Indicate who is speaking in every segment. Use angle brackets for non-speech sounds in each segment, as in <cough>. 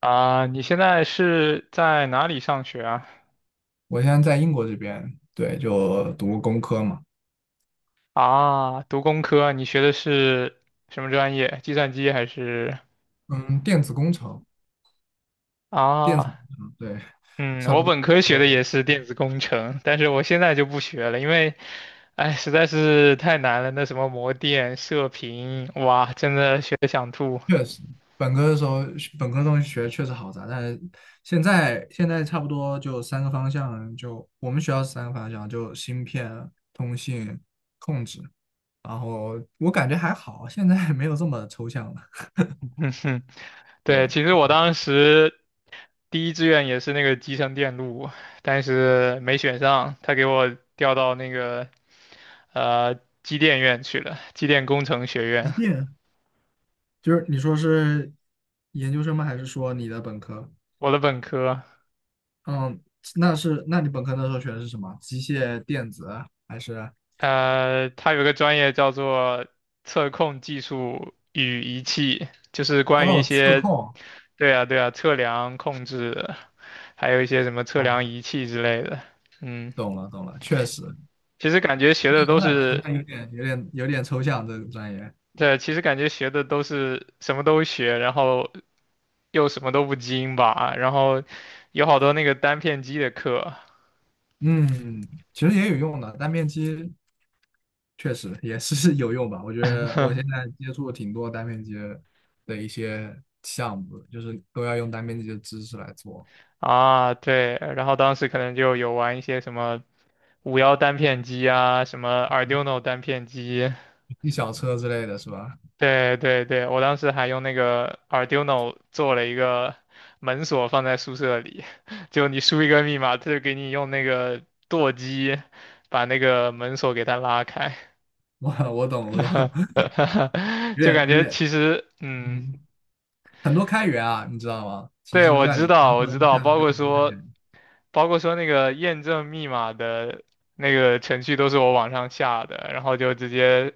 Speaker 1: 啊，你现在是在哪里上学啊？
Speaker 2: 我现在在英国这边，对，就读工科嘛，
Speaker 1: 啊，读工科，你学的是什么专业？计算机还是
Speaker 2: 嗯，电子工程，电子
Speaker 1: 啊？
Speaker 2: 工程，对，
Speaker 1: 嗯，
Speaker 2: 差
Speaker 1: 我
Speaker 2: 不多。
Speaker 1: 本科学的也
Speaker 2: 就
Speaker 1: 是电子工程，但是我现在就不学了，因为，哎，实在是太难了，那什么模电、射频，哇，真的学的想吐。
Speaker 2: 确实，本科的时候，本科的东西学确实好杂，但是现在差不多就三个方向，就我们学校是三个方向，就芯片、通信、控制，然后我感觉还好，现在没有这么抽象了。
Speaker 1: <laughs> 嗯哼，对，
Speaker 2: 对，
Speaker 1: 其实我当时第一志愿也是那个集成电路，但是没选上，他给我调到那个呃机电院去了，机电工程学
Speaker 2: 一
Speaker 1: 院，
Speaker 2: 定就是你说是研究生吗？还是说你的本科？
Speaker 1: 我的本科，
Speaker 2: 嗯，那是，那你本科那时候学的是什么？机械电子还是？
Speaker 1: 它有个专业叫做测控技术与仪器，就是关于一
Speaker 2: 哦，测
Speaker 1: 些，
Speaker 2: 控
Speaker 1: 对啊对啊，测量控制，还有一些什么测量
Speaker 2: 啊，
Speaker 1: 仪器之类的，嗯，
Speaker 2: 懂了，懂了，确实，
Speaker 1: 其实感觉学的
Speaker 2: 那
Speaker 1: 都
Speaker 2: 那好
Speaker 1: 是。
Speaker 2: 像有点抽象这个专业。
Speaker 1: 对，其实感觉学的都是什么都学，然后又什么都不精吧，然后有好多那个单片机的课
Speaker 2: 嗯，其实也有用的，单片机确实也是 <laughs> 有用吧。我觉得我现在接触挺多单片机的一些项目的就是都要用单片机的知识来做，
Speaker 1: 啊，对，然后当时可能就有玩一些什么五幺单片机啊，什么 Arduino 单片机，
Speaker 2: 一小车之类的是吧？
Speaker 1: 对对对，我当时还用那个 Arduino 做了一个门锁放在宿舍里，<laughs> 就你输一个密码，他就给你用那个舵机把那个门锁给它拉开。
Speaker 2: <laughs> 我懂，我懂，<laughs>
Speaker 1: <laughs>
Speaker 2: 有
Speaker 1: 就
Speaker 2: 点
Speaker 1: 感
Speaker 2: 有
Speaker 1: 觉
Speaker 2: 点，
Speaker 1: 其实，嗯，
Speaker 2: 嗯。很多开源啊，你知道吗？其
Speaker 1: 对，
Speaker 2: 实
Speaker 1: 我
Speaker 2: 像
Speaker 1: 知
Speaker 2: 你刚
Speaker 1: 道，我
Speaker 2: 说
Speaker 1: 知
Speaker 2: 的
Speaker 1: 道，
Speaker 2: 项目
Speaker 1: 包
Speaker 2: 就
Speaker 1: 括
Speaker 2: 很多开
Speaker 1: 说，
Speaker 2: 源
Speaker 1: 包括说那个验证密码的那个程序都是我网上下的，然后就直接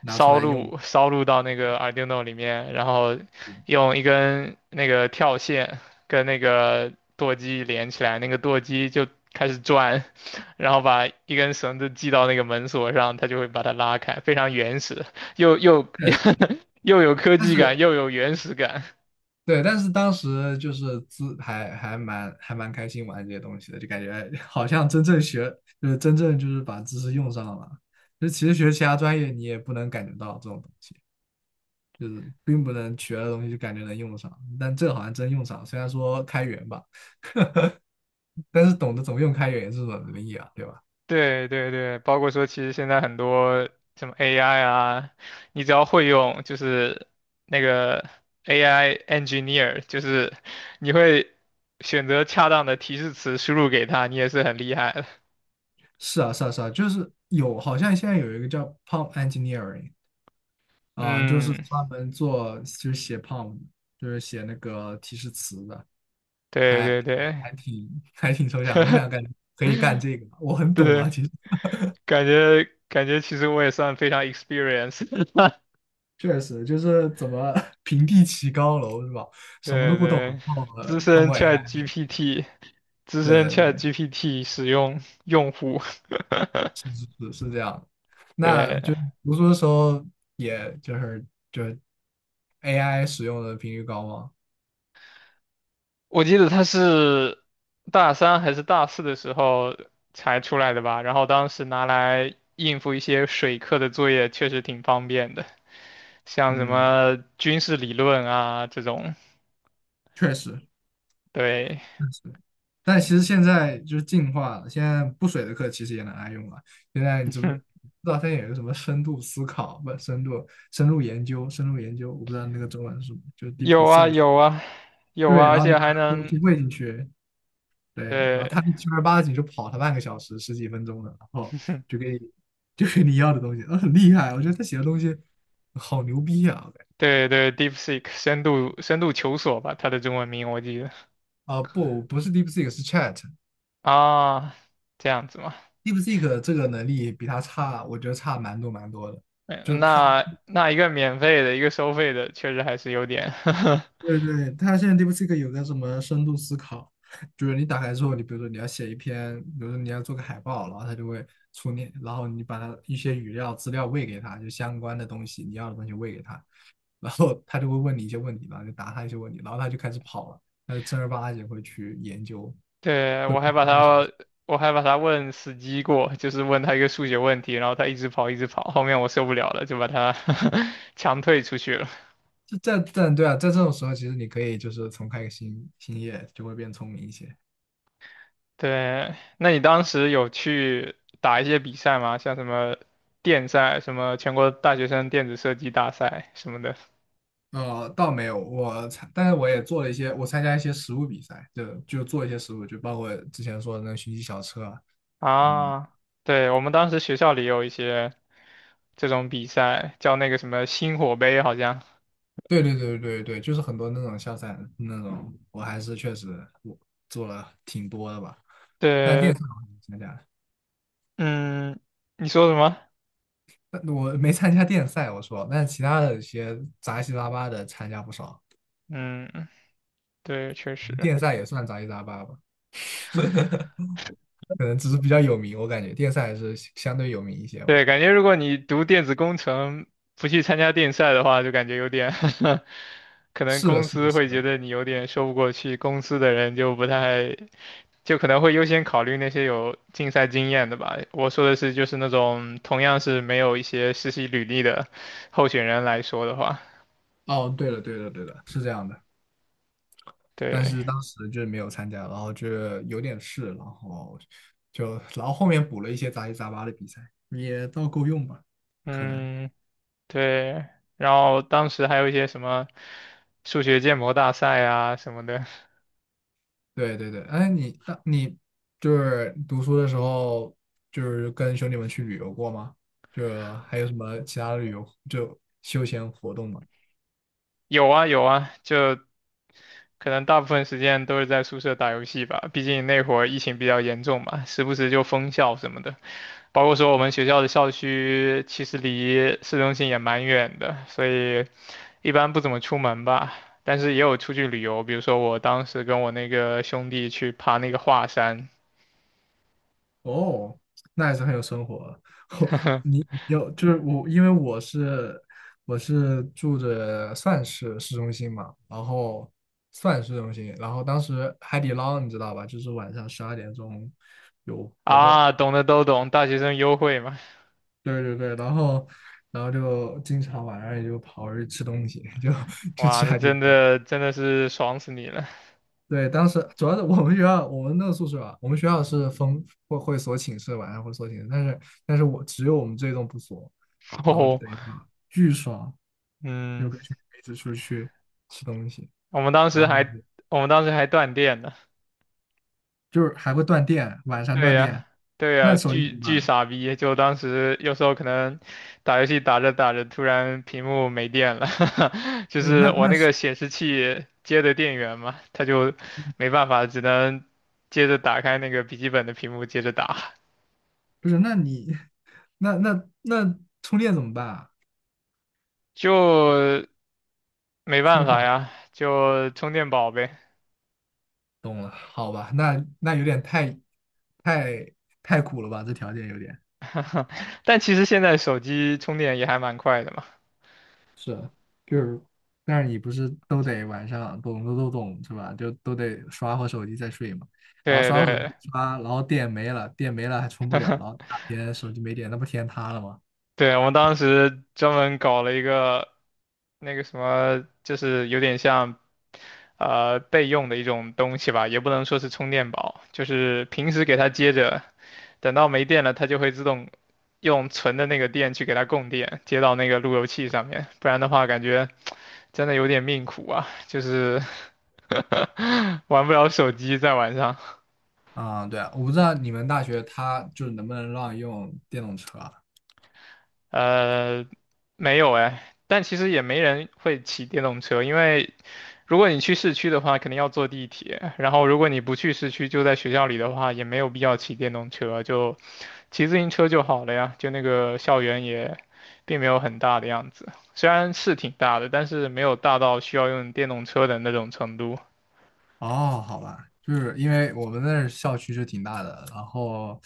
Speaker 2: 拿出
Speaker 1: 烧
Speaker 2: 来用，
Speaker 1: 录烧录到那个 Arduino 里面，然后用一根那个跳线跟那个舵机连起来，那个舵机就开始转，<laughs> 然后把一根绳子系到那个门锁上，它就会把它拉开，非常原始，又
Speaker 2: 确实，
Speaker 1: <laughs> 又有科
Speaker 2: 但
Speaker 1: 技
Speaker 2: 是
Speaker 1: 感，又有原始感。
Speaker 2: 对，但是当时就是资还还蛮还蛮开心玩这些东西的，就感觉哎 <laughs> 好像真正就是把知识用上了。就其实学其他专业你也不能感觉到这种东西，就是并不能学的东西就感觉能用上，但这个好像真用上，虽然说开源吧，但是懂得怎么用开源也是种能力啊，对吧？
Speaker 1: 对对对，包括说，其实现在很多什么 AI 啊，你只要会用，就是那个 AI engineer，就是你会选择恰当的提示词输入给他，你也是很厉害的。
Speaker 2: 是啊，是啊，是啊，就是有，好像现在有一个叫 PROMP engineering，啊，就是
Speaker 1: 嗯，
Speaker 2: 专门做就是写 prompt，就是写那个提示词的，
Speaker 1: 对
Speaker 2: 还
Speaker 1: 对
Speaker 2: 还
Speaker 1: 对，
Speaker 2: 还挺还挺抽象。我想感觉可以干
Speaker 1: <laughs>
Speaker 2: 这个，我很懂
Speaker 1: 对，
Speaker 2: 啊，其实
Speaker 1: 感觉其实我也算非常 experience，
Speaker 2: 确实就是怎么 <laughs> 平地起高楼是吧？
Speaker 1: <laughs>
Speaker 2: 什么都
Speaker 1: 对
Speaker 2: 不懂，
Speaker 1: 对，
Speaker 2: 然后
Speaker 1: 资
Speaker 2: 通
Speaker 1: 深
Speaker 2: 过 AI，
Speaker 1: ChatGPT，资
Speaker 2: 对
Speaker 1: 深
Speaker 2: 对对，
Speaker 1: ChatGPT 使用用户，
Speaker 2: 是是是是这样。
Speaker 1: <laughs>
Speaker 2: 那就
Speaker 1: 对。
Speaker 2: 读书的时候，也就是 AI 使用的频率高吗？
Speaker 1: 我记得他是大三还是大四的时候才出来的吧，然后当时拿来应付一些水课的作业，确实挺方便的，像什
Speaker 2: 嗯，
Speaker 1: 么军事理论啊这种，
Speaker 2: 确实。
Speaker 1: 对
Speaker 2: 但是，但其实现在就是进化了，现在不水的课其实也能爱用了。现在你知不知
Speaker 1: <laughs>，
Speaker 2: 道现在有一个什么深度思考，不，深度深入研究，深入研究，我不知道那个中文是什么。就
Speaker 1: 有啊有啊有
Speaker 2: 对，
Speaker 1: 啊，而
Speaker 2: 然后就
Speaker 1: 且
Speaker 2: 把
Speaker 1: 还
Speaker 2: 它东
Speaker 1: 能，
Speaker 2: 西喂进去，对，然后它
Speaker 1: 对
Speaker 2: 就正儿八经就跑它半个小时十几分钟的，然后
Speaker 1: <laughs>
Speaker 2: 就给你就给你要的东西，很厉害，我觉得他写的东西好牛逼啊！我感觉
Speaker 1: 对对，DeepSeek 深度求索吧，它的中文名我记得
Speaker 2: 啊、不，不是 DeepSeek，是 Chat。
Speaker 1: 啊，这样子嘛，
Speaker 2: DeepSeek 这个能力比它差，我觉得差蛮多蛮多的。就
Speaker 1: 嗯
Speaker 2: 是它
Speaker 1: 那那一个免费的，一个收费的，确实还是有点 <laughs>
Speaker 2: 对对，它现在 DeepSeek 有那什么深度思考，就是你打开之后，你比如说你要写一篇，比如说你要做个海报，然后它就会出你，然后你把它一些语料资料喂给它，就相关的东西你要的东西喂给它，然后它就会问你一些问题，然后就答它一些问题，然后它就开始跑了，它就正儿八经会去研究，
Speaker 1: 对，
Speaker 2: 会跑半个小时。
Speaker 1: 我还把他问死机过，就是问他一个数学问题，然后他一直跑，一直跑，后面我受不了了，就把他 <laughs> 强退出去了。
Speaker 2: 这在对啊，在这种时候，其实你可以就是重开个新业，就会变聪明一些。
Speaker 1: 对，那你当时有去打一些比赛吗？像什么电赛、什么全国大学生电子设计大赛什么的
Speaker 2: 倒没有，但是我也做了一些，我参加一些实物比赛，就做一些实物，就包括之前说的那个寻迹小车啊嗯，
Speaker 1: 啊？对，我们当时学校里有一些这种比赛，叫那个什么星火杯，好像。
Speaker 2: 对对对对对，就是很多那种校赛那种，我还是确实我做了挺多的吧。但电
Speaker 1: 对，
Speaker 2: 赛我还没参加，
Speaker 1: 嗯，你说什么？
Speaker 2: 但我没参加电赛，我说，但其他的一些杂七杂八的参加不少，
Speaker 1: 嗯，对，确实。
Speaker 2: 电赛也算杂七杂八吧，<laughs> 可能只是比较有名，我感觉电赛还是相对有名一些嘛。
Speaker 1: 对，感觉如果你读电子工程不去参加电赛的话，就感觉有点 <laughs> 可能
Speaker 2: 是的，
Speaker 1: 公
Speaker 2: 是的，
Speaker 1: 司
Speaker 2: 是
Speaker 1: 会觉
Speaker 2: 的。
Speaker 1: 得你有点说不过去，公司的人就不太，就可能会优先考虑那些有竞赛经验的吧。我说的是，就是那种同样是没有一些实习履历的候选人来说的话，
Speaker 2: 哦，对了，对了，对了，是这样的。但
Speaker 1: 对，
Speaker 2: 是当时就是没有参加，然后就有点事，然后就然后后面补了一些杂七杂八的比赛，也倒够用吧，可能。
Speaker 1: 嗯，对。然后当时还有一些什么数学建模大赛啊什么的，
Speaker 2: 对对对，哎，你就是读书的时候，就是跟兄弟们去旅游过吗？就还有什么其他的旅游就休闲活动吗？
Speaker 1: 有啊有啊，就可能大部分时间都是在宿舍打游戏吧，毕竟那会儿疫情比较严重嘛，时不时就封校什么的。包括说我们学校的校区其实离市中心也蛮远的，所以一般不怎么出门吧。但是也有出去旅游，比如说我当时跟我那个兄弟去爬那个华山
Speaker 2: 哦，那还是很有生活 <laughs> 哦，
Speaker 1: <laughs>
Speaker 2: 你有就是我，因为我是住着算是市中心嘛，然后算市中心，然后当时海底捞你知道吧，就是晚上12点钟有活动，
Speaker 1: 啊，懂的都懂，大学生优惠嘛，
Speaker 2: 对对对，然后就经常晚上也就跑出去吃东西，就 <laughs> 去
Speaker 1: 哇，
Speaker 2: 吃
Speaker 1: 那
Speaker 2: 海底
Speaker 1: 真
Speaker 2: 捞。
Speaker 1: 的真的是爽死你了。
Speaker 2: 对，当时主要是我们学校，我们那个宿舍啊，我们学校是封会锁寝室，晚上会锁寝室，但是我只有我们这一栋不锁，
Speaker 1: <laughs>
Speaker 2: 然后就
Speaker 1: 哦，
Speaker 2: 等于说巨爽，有
Speaker 1: 嗯，
Speaker 2: 个群一直出去吃东西，
Speaker 1: 我们当时
Speaker 2: 然后
Speaker 1: 还我们当时还断电呢。
Speaker 2: 就是还会断电，晚上
Speaker 1: 对
Speaker 2: 断
Speaker 1: 呀，
Speaker 2: 电，
Speaker 1: 对
Speaker 2: 那
Speaker 1: 呀，
Speaker 2: 手机怎
Speaker 1: 巨
Speaker 2: 么
Speaker 1: 巨
Speaker 2: 办？
Speaker 1: 傻逼！就当时有时候可能打游戏打着打着，突然屏幕没电了，<laughs> 就
Speaker 2: 不是那
Speaker 1: 是我
Speaker 2: 那
Speaker 1: 那
Speaker 2: 是
Speaker 1: 个显示器接的电源嘛，它就没办法，只能接着打开那个笔记本的屏幕接着打，
Speaker 2: 不是那你 <laughs> 那充电怎么办啊？
Speaker 1: 就没
Speaker 2: 充
Speaker 1: 办法
Speaker 2: 好，
Speaker 1: 呀，就充电宝呗。
Speaker 2: 懂了，好吧，那有点太太苦了吧，这条件有点。
Speaker 1: 但其实现在手机充电也还蛮快的嘛。
Speaker 2: 是啊就是，但是你不是都得晚上懂都懂是吧？就都得刷会手机再睡嘛。然后
Speaker 1: 对
Speaker 2: 刷会手机
Speaker 1: 对，
Speaker 2: 刷，然后电没了，电没了还充不了，然后大天手机没电，那不天塌了吗？
Speaker 1: 对，我们当时专门搞了一个那个什么，就是有点像备用的一种东西吧，也不能说是充电宝，就是平时给它接着，等到没电了，它就会自动用存的那个电去给它供电，接到那个路由器上面，不然的话感觉真的有点命苦啊，就是 <laughs> 玩不了手机在晚上。
Speaker 2: 啊、对啊，我不知道你们大学它就是能不能让用电动车啊，
Speaker 1: 呃，没有哎，但其实也没人会骑电动车，因为。如果你去市区的话，肯定要坐地铁。<laughs> 然后，如果你不去市区，就在学校里的话，也没有必要骑电动车，就骑自行车就好了呀。就那个校园也并没有很大的样子，虽然是挺大的，但是没有大到需要用电动车的那种程度。
Speaker 2: 哦，好吧，就是因为我们那儿校区是挺大的，然后，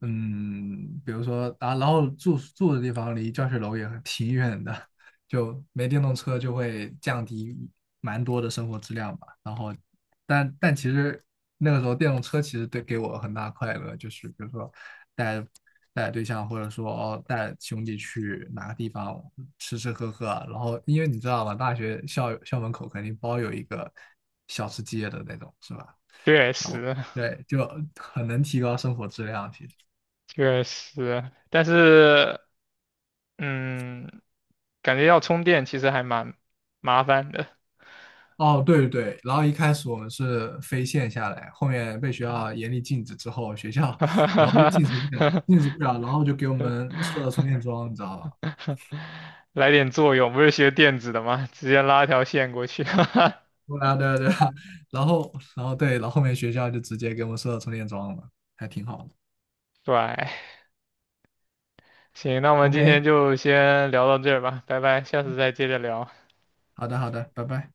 Speaker 2: 比如说啊，然后住的地方离教学楼也挺远的，就没电动车就会降低蛮多的生活质量吧。然后，但其实那个时候电动车其实对给我很大快乐，就是比如说带带对象或者说哦带兄弟去哪个地方吃吃喝喝啊然后因为你知道吧，大学校门口肯定包有一个小吃街的那种，是吧？
Speaker 1: 确
Speaker 2: 然后
Speaker 1: 实，
Speaker 2: 对，就很能提高生活质量。其实，
Speaker 1: 确实，但是，嗯，感觉要充电其实还蛮麻烦的。
Speaker 2: 哦，对对对，然后一开始我们是非线下来，后面被学校严厉禁止之后，学校然后又禁止不了，禁止不了，
Speaker 1: <laughs>
Speaker 2: 然后就给我们设了充电桩，你知道吧？
Speaker 1: <laughs> 来点作用，不是学电子的吗？<laughs> 直接拉条线过去。<laughs>
Speaker 2: 对啊，对啊，对啊，然后，然后对，然后后面学校就直接给我们设了充电桩了，还挺好的。
Speaker 1: 对，行，那我们今天
Speaker 2: OK，
Speaker 1: 就先聊到这儿吧，拜拜，下次再接着聊。
Speaker 2: 好的，好的，拜拜。